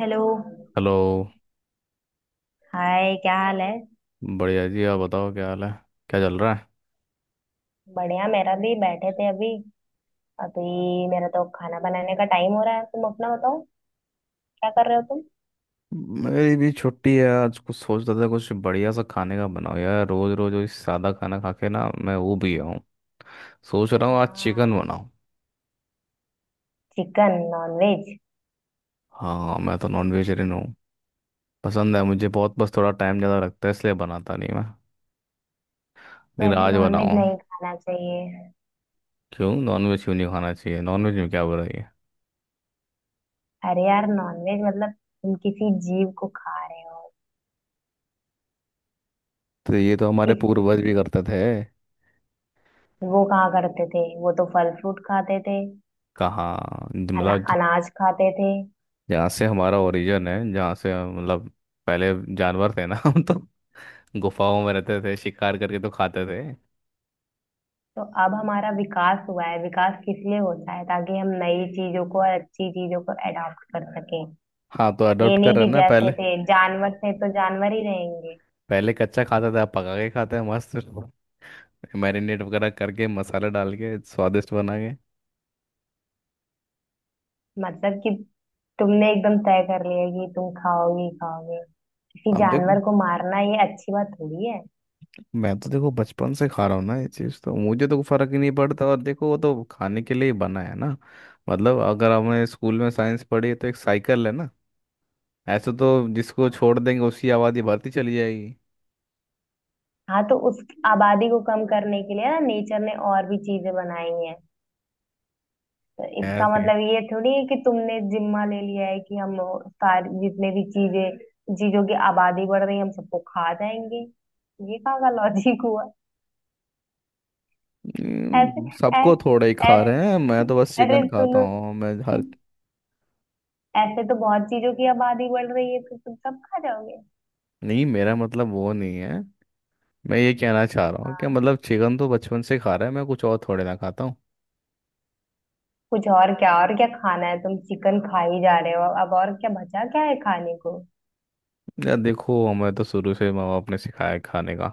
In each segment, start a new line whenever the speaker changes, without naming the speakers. Hello.
Hello.
Hi, क्या हाल है?
बढ़िया जी, आप बताओ क्या हाल है? क्या चल रहा है?
बढ़िया। मेरा भी बैठे थे अभी। अभी मेरा तो खाना बनाने का टाइम हो रहा है। तुम अपना बताओ, क्या कर रहे हो तुम?
मेरी भी छुट्टी है आज। कुछ सोच रहा था कुछ बढ़िया सा खाने का बनाओ यार। रोज रोज वही सादा खाना खा के ना, मैं वो भी गया हूँ। सोच रहा हूँ आज चिकन
हाँ।
बनाऊँ।
Chicken, nonveg?
हाँ, मैं तो नॉन वेजिटेरियन हूँ। पसंद है मुझे बहुत, बस थोड़ा टाइम ज़्यादा लगता है इसलिए बनाता नहीं मैं। लेकिन
वैसे
आज
नॉनवेज
बनाऊँ।
नहीं खाना चाहिए।
क्यों? नॉन वेज क्यों नहीं खाना चाहिए? नॉन वेज में क्या बुराई है?
अरे यार, नॉनवेज मतलब तुम किसी जीव को खा रहे हो।
तो ये तो हमारे
इस
पूर्वज भी करते थे।
वो कहाँ करते थे? वो तो फल फ्रूट खाते थे।
कहाँ मतलब?
अनाज खाते थे।
जहाँ से हमारा ओरिजिन है, जहाँ से मतलब, पहले जानवर थे ना। हम तो गुफाओं में रहते थे, शिकार करके तो खाते थे।
तो अब हमारा विकास हुआ है। विकास किस लिए होता है? ताकि हम नई चीजों को और अच्छी चीजों को अडॉप्ट कर सकें।
हाँ तो
ये
अडॉप्ट कर
नहीं
रहे
कि
हैं ना।
जैसे
पहले
थे जानवर थे तो जानवर ही रहेंगे।
पहले कच्चा खाते थे, अब पका के खाते हैं मस्त। मैरिनेट वगैरह करके, मसाला डाल के स्वादिष्ट बना के।
मतलब कि तुमने एकदम तय कर लिया कि तुम खाओगे ही खाओगे? किसी
अब देखो,
जानवर को मारना, ये अच्छी बात थोड़ी है।
मैं तो देखो बचपन से खा रहा हूँ ना ये चीज़, तो मुझे तो फर्क ही नहीं पड़ता। और देखो, वो तो खाने के लिए ही बना है ना। मतलब अगर हमने स्कूल में साइंस पढ़ी है तो एक साइकिल है ना। ऐसे तो जिसको
हाँ,
छोड़ देंगे उसकी आबादी बढ़ती चली जाएगी।
हाँ, तो उस आबादी को कम करने के लिए ना, नेचर ने और भी चीजें बनाई हैं। तो इसका
ऐसे।
मतलब ये थोड़ी है कि तुमने जिम्मा ले लिया है कि हम सारी जितने भी चीजें चीजों की आबादी बढ़ रही है, हम सबको खा जाएंगे? ये कहाँ का लॉजिक हुआ? ऐसे,
सबको थोड़ा ही
ऐसे,
खा रहे हैं,
ऐसे।
मैं तो बस
अरे
चिकन खाता
सुनो।
हूँ मैं हर।
ऐसे तो बहुत चीजों की आबादी बढ़ रही है, फिर तुम सब खा जाओगे।
नहीं, मेरा मतलब वो नहीं है। मैं ये कहना चाह रहा हूँ कि
हाँ।
मतलब चिकन तो बचपन से खा रहा है, मैं कुछ और थोड़े ना खाता हूँ।
कुछ और क्या? और क्या खाना है, तुम चिकन खा ही जा रहे हो, अब और क्या बचा क्या है खाने को?
यार देखो, हमें तो शुरू से माँ बाप ने सिखाया है खाने का।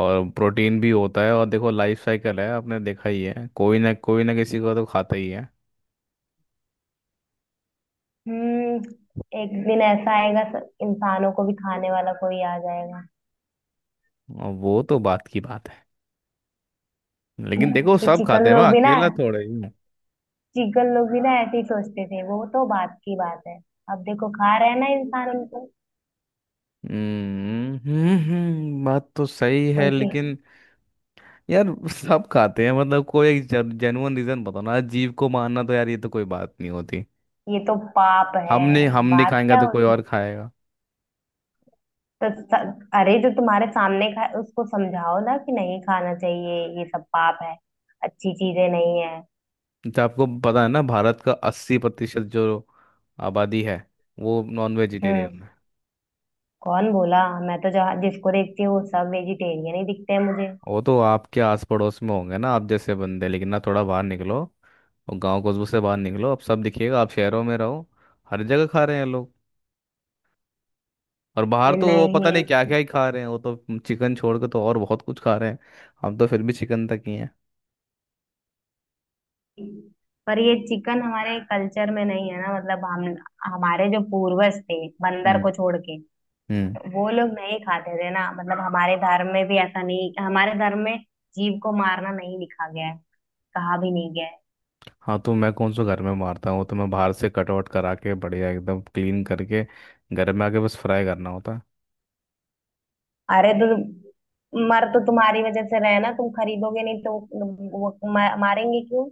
और प्रोटीन भी होता है। और देखो लाइफ साइकिल है, आपने देखा ही है कोई ना किसी को तो खाता ही है।
हम्म। एक दिन ऐसा आएगा इंसानों को भी खाने वाला कोई आ जाएगा
और वो तो बात की बात है। लेकिन देखो
कि
सब खाते
चिकन
हैं, मैं
लोग भी ना,
अकेला थोड़ा ही हूँ।
ऐसे ही सोचते थे, वो तो बात की बात है। अब देखो, खा रहे हैं ना इंसान उनको।
हम्म, हम्म, बात तो सही है
उनके
लेकिन। यार। सब खाते हैं मतलब। कोई जेन्युइन रीजन बताओ ना। जीव को मारना तो यार ये तो कोई बात नहीं होती।
ये तो पाप है।
हमने हम नहीं
बात
खाएंगे
क्या
तो कोई
होती?
और खाएगा।
तो अरे, जो तुम्हारे सामने खाए उसको समझाओ ना कि नहीं खाना चाहिए, ये सब पाप है। अच्छी चीजें नहीं है।
तो आपको पता है ना, भारत का 80% जो आबादी है वो नॉन वेजिटेरियन
हम्म।
है।
कौन बोला? मैं तो जहाँ जिसको देखती हूँ वो सब वेजिटेरियन ही दिखते हैं मुझे।
वो तो आपके आस पड़ोस में होंगे ना आप जैसे बंदे, लेकिन ना थोड़ा बाहर निकलो। और गांव कस्बों से बाहर निकलो, अब सब दिखिएगा, आप शहरों में रहो। हर जगह खा रहे हैं लोग। और बाहर
ये
तो वो पता नहीं
नहीं
क्या क्या ही खा रहे हैं वो तो। चिकन छोड़ के तो और बहुत कुछ खा रहे हैं। हम तो फिर भी चिकन तक ही
पर ये चिकन हमारे कल्चर में नहीं है ना, मतलब हम हमारे जो पूर्वज थे, बंदर
हैं।
को छोड़ के
हम्म।
वो लोग नहीं खाते थे ना, मतलब हमारे धर्म में भी ऐसा नहीं, हमारे धर्म में जीव को मारना नहीं लिखा गया है। कहा भी नहीं गया है।
हाँ तो मैं कौन सा घर में मारता हूँ, वो तो मैं बाहर से कटआउट करा के बढ़िया एकदम क्लीन करके घर में आके बस फ्राई करना होता
अरे तो मर तो तुम्हारी वजह से रहे ना, तुम खरीदोगे नहीं तो वो मारेंगे क्यों?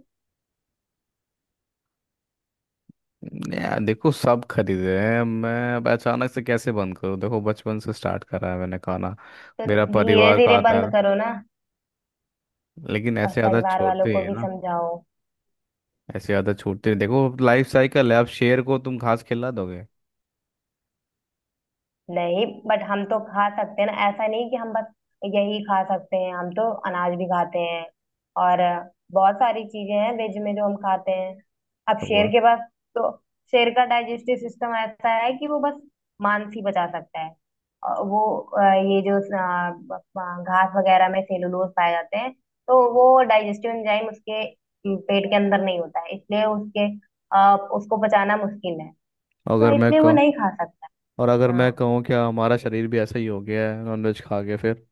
है। यार देखो सब खरीदे हैं, मैं अब अचानक से कैसे बंद करूँ, देखो बचपन से स्टार्ट करा है मैंने खाना।
तो
मेरा
धीरे
परिवार
धीरे
खाता
बंद
है।
करो ना।
लेकिन
और
ऐसे आदत
परिवार वालों
छोड़ते ही
को
है
भी
ना।
समझाओ।
ऐसे आदत छोड़ते ही। देखो लाइफ साइकिल है, अब शेर को तुम घास खिला दोगे।
नहीं, बट हम तो खा सकते हैं ना, ऐसा नहीं कि हम बस यही खा सकते हैं, हम तो अनाज भी खाते हैं। और बहुत सारी चीजें हैं वेज में जो हम खाते हैं। अब
तो वो
शेर
है।
के पास तो शेर का डाइजेस्टिव सिस्टम ऐसा है कि वो बस मांस ही पचा सकता है। और वो ये जो घास वगैरह में सेलुलोज पाए जाते हैं, तो वो डाइजेस्टिव एंजाइम उसके पेट के अंदर नहीं होता है, इसलिए उसको पचाना मुश्किल है। तो
अगर मैं
इसलिए वो
कहूँ।
नहीं खा सकता।
और अगर मैं
हाँ।
कहूँ क्या हमारा शरीर भी ऐसा ही हो गया है नॉनवेज खा के फिर?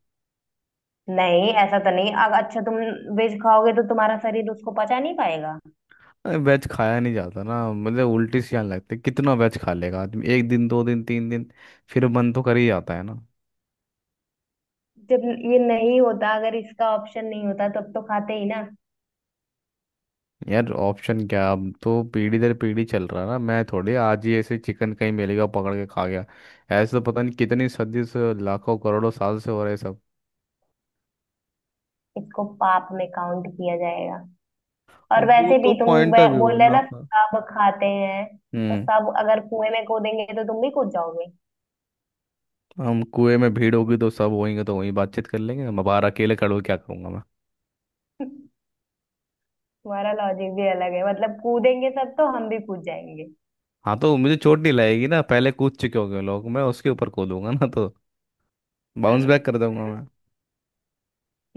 नहीं, ऐसा तो नहीं। अगर अच्छा तुम वेज खाओगे तो तुम्हारा शरीर उसको पचा नहीं पाएगा।
अरे वेज खाया नहीं जाता ना मतलब, उल्टी सी आने लगती है। कितना वेज खा लेगा आदमी? एक दिन, दो दिन, तीन दिन। फिर मन तो कर ही जाता है ना।
जब ये नहीं होता, अगर इसका ऑप्शन नहीं होता तब तो खाते ही ना।
यार ऑप्शन क्या, अब तो पीढ़ी दर पीढ़ी चल रहा है ना। मैं थोड़ी आज ही ऐसे चिकन कहीं मिलेगा पकड़ के खा गया। ऐसे तो पता नहीं कितनी सदी से, लाखों करोड़ों साल से हो रहे हैं सब।
इसको पाप में काउंट किया जाएगा। और
वो
वैसे
तो
भी तुम
पॉइंट ऑफ व्यू है
बोल रहे
ना
ना,
अपना।
सब खाते हैं तो
हम्म।
सब, अगर कुएं में कूदेंगे तो तुम भी कूद जाओगे?
हम कुएं में भीड़ होगी तो सब होएंगे तो वहीं बातचीत कर लेंगे, मैं बाहर अकेले खड़ा होके क्या करूंगा मैं।
तुम्हारा लॉजिक भी अलग है, मतलब कूदेंगे सब तो हम भी कूद जाएंगे।
हाँ तो मुझे चोट नहीं लगेगी ना, पहले कूद चुके होंगे लोग, मैं उसके ऊपर कूदूंगा ना तो। बाउंस बैक कर दूंगा मैं।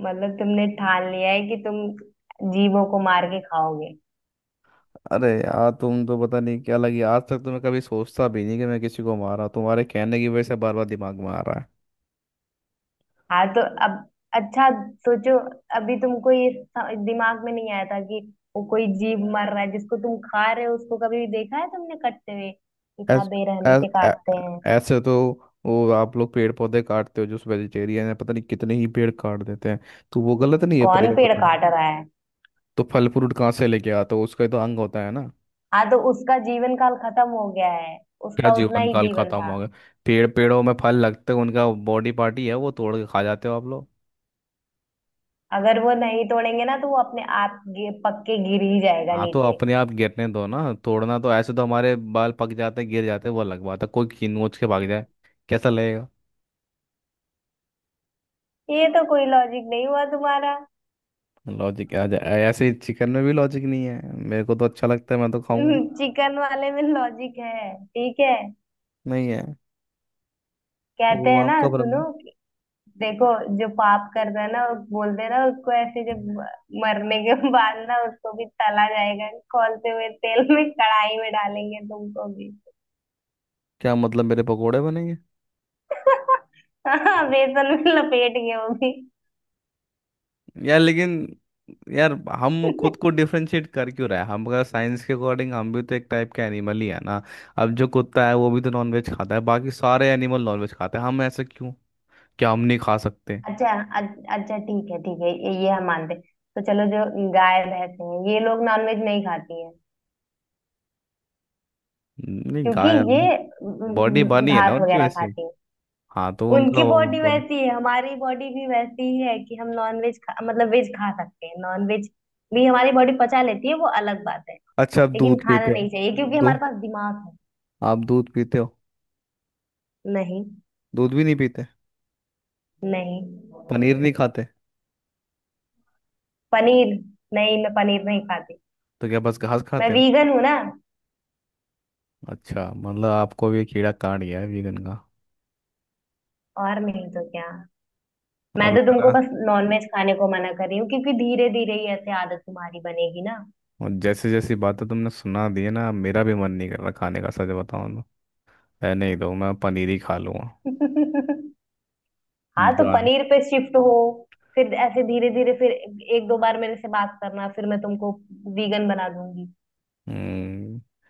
मतलब तुमने ठान लिया है कि तुम जीवों को मार के खाओगे।
अरे यार तुम तो पता नहीं क्या लगी, आज तक तो मैं कभी सोचता भी नहीं कि मैं किसी को मारा, तुम्हारे कहने की वजह से बार बार दिमाग में आ रहा है।
हाँ तो अब, अच्छा, सोचो, अभी तुमको ये दिमाग में नहीं आया था कि वो कोई जीव मर रहा है जिसको तुम खा रहे हो? उसको कभी देखा है तुमने कटते हुए? कितना
ऐस,
बेरहमी
ऐस,
से
ऐ,
काटते हैं।
ऐसे तो वो आप लोग पेड़ पौधे काटते हो, जो वेजिटेरियन है, पता नहीं कितने ही पेड़ काट देते हैं। तो वो गलत नहीं है
कौन पेड़
पर्यावरण का?
काट रहा है?
तो फल फ्रूट कहाँ से लेके आते हो? उसका ही तो अंग होता है ना।
हाँ तो उसका जीवन काल खत्म हो गया है,
क्या
उसका उतना
जीवन
ही
काल
जीवन
खत्म
था।
हो गया? पेड़ों में फल लगते हैं, उनका बॉडी पार्टी है, वो तोड़ के खा जाते हो आप लोग।
अगर वो नहीं तोड़ेंगे ना तो वो अपने आप पक्के गिर ही जाएगा
हाँ तो
नीचे।
अपने आप गिरने दो ना, तोड़ना तो ऐसे तो? हमारे बाल पक जाते गिर जाते, वो अलग बात है कोई खींच के भाग जाए। कैसा लगेगा?
ये तो कोई लॉजिक नहीं हुआ तुम्हारा।
लॉजिक आ जाए ऐसे ही, चिकन में भी लॉजिक नहीं है, मेरे को तो अच्छा लगता है, मैं तो खाऊंगा।
चिकन वाले में लॉजिक है, ठीक है।
नहीं है।
कहते
वो
हैं ना,
आपका भ्रम
सुनो,
है।
देखो, जो पाप करता है ना वो बोल देना उसको, ऐसे जब मरने के बाद ना उसको भी तला जाएगा। खोलते हुए तेल में कढ़ाई में डालेंगे तुमको भी।
क्या मतलब, मेरे पकोड़े बनेंगे?
हाँ, बेसन में लपेट के वो भी।
यार लेकिन। यार। हम खुद को डिफरेंशिएट कर क्यों रहे हैं? हम अगर साइंस के अकॉर्डिंग हम भी तो एक टाइप के एनिमल ही है ना। अब जो कुत्ता है वो भी तो नॉनवेज खाता है, बाकी सारे एनिमल नॉनवेज खाते हैं, हम ऐसे क्यों? क्या हम नहीं खा सकते?
अच्छा, अ- अच्छा, ठीक है, ठीक है, ये हम मानते हैं। तो चलो, जो गाय भैंस हैं ये लोग नॉनवेज नहीं खाती हैं
नहीं
क्योंकि
गायब।
ये
बॉडी बनी है ना
घास
उनकी
वगैरह
वैसे।
खाती हैं।
हाँ तो उनका
उनकी
वो
बॉडी
बॉडी।
वैसी है, हमारी बॉडी भी वैसी ही है कि हम नॉन वेज खा मतलब वेज खा सकते हैं, नॉन वेज भी हमारी बॉडी पचा लेती है, वो अलग बात है।
अच्छा, आप
लेकिन
दूध
खाना
पीते हो?
नहीं चाहिए क्योंकि
दो।
हमारे पास दिमाग है।
आप दूध पीते हो?
नहीं।
दूध भी नहीं पीते?
नहीं।
पनीर नहीं खाते?
पनीर। नहीं, मैं पनीर नहीं खाती।
तो क्या बस घास
मैं
खाते हो?
वीगन हूं ना।
अच्छा मतलब आपको भी कीड़ा काट गया है वीगन का।
और नहीं तो क्या। मैं
अब
तो
लग
तुमको
रहा।
बस नॉन वेज खाने को मना कर रही हूँ क्योंकि धीरे धीरे ही ऐसे आदत तुम्हारी बनेगी ना।
और जैसे जैसी बातें तुमने सुना दी है ना, अब मेरा भी मन नहीं कर रहा खाने का सच बताऊं तो। है, नहीं तो मैं पनीर ही खा लूंगा।
हाँ, तो
जान।
पनीर पे शिफ्ट हो। फिर ऐसे धीरे धीरे, फिर एक दो बार मेरे से बात करना, फिर मैं तुमको वीगन बना दूंगी।
हम्म।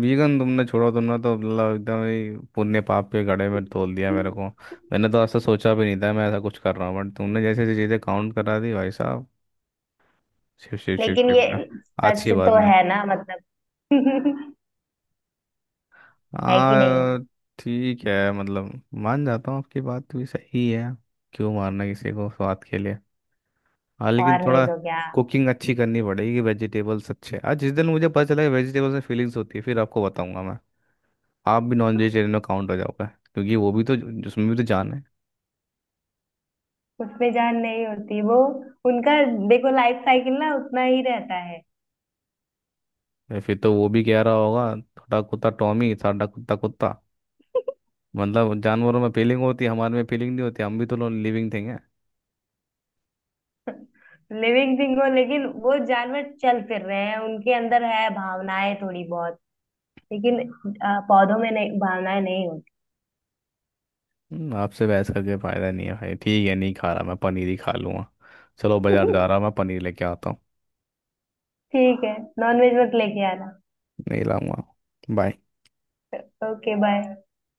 वीगन तुमने छोड़ो, तुमने तो मतलब एकदम ही पुण्य पाप के घड़े में तोल दिया मेरे को। मैंने तो ऐसा सोचा भी नहीं था मैं ऐसा कुछ कर रहा हूँ, बट तुमने जैसे जैसे चीज़ें काउंट करा दी भाई साहब। शिव शिव शिव
लेकिन
शिव
ये
मैं। आज की
सच
बात
तो
नहीं।
है ना, मतलब। है कि नहीं?
हाँ। ठीक है मतलब, मान जाता हूँ आपकी बात भी सही है। क्यों मारना किसी को स्वाद के लिए? हाँ लेकिन
और नहीं
थोड़ा
तो क्या।
कुकिंग अच्छी करनी पड़ेगी वेजिटेबल्स अच्छे। आज जिस दिन मुझे पता चला कि वेजिटेबल्स में फीलिंग्स होती है, फिर आपको बताऊंगा मैं। आप भी नॉन वेजिटेरियन में काउंट हो जाओगे क्योंकि वो भी तो उसमें भी तो जान है।
उसमें जान नहीं होती, वो उनका देखो लाइफ साइकिल ना उतना ही रहता है।
या फिर तो वो भी कह रहा होगा थोड़ा, कुत्ता टॉमी साडा कुत्ता कुत्ता। मतलब जानवरों में फीलिंग होती है हमारे में फीलिंग नहीं होती? हम भी तो लिविंग थिंग है।
लिविंग थिंग हो, लेकिन वो जानवर चल फिर रहे हैं, उनके अंदर है भावनाएं थोड़ी बहुत, लेकिन पौधों में नहीं, भावनाएं नहीं
आपसे बहस करके फायदा नहीं है भाई, ठीक है नहीं खा रहा, मैं पनीर ही खा लूंगा। चलो बाजार
होती।
जा रहा हूं, मैं पनीर लेके आता हूँ।
ठीक है, नॉनवेज मत लेके आना।
नहीं लाऊंगा। बाय।
Okay, bye.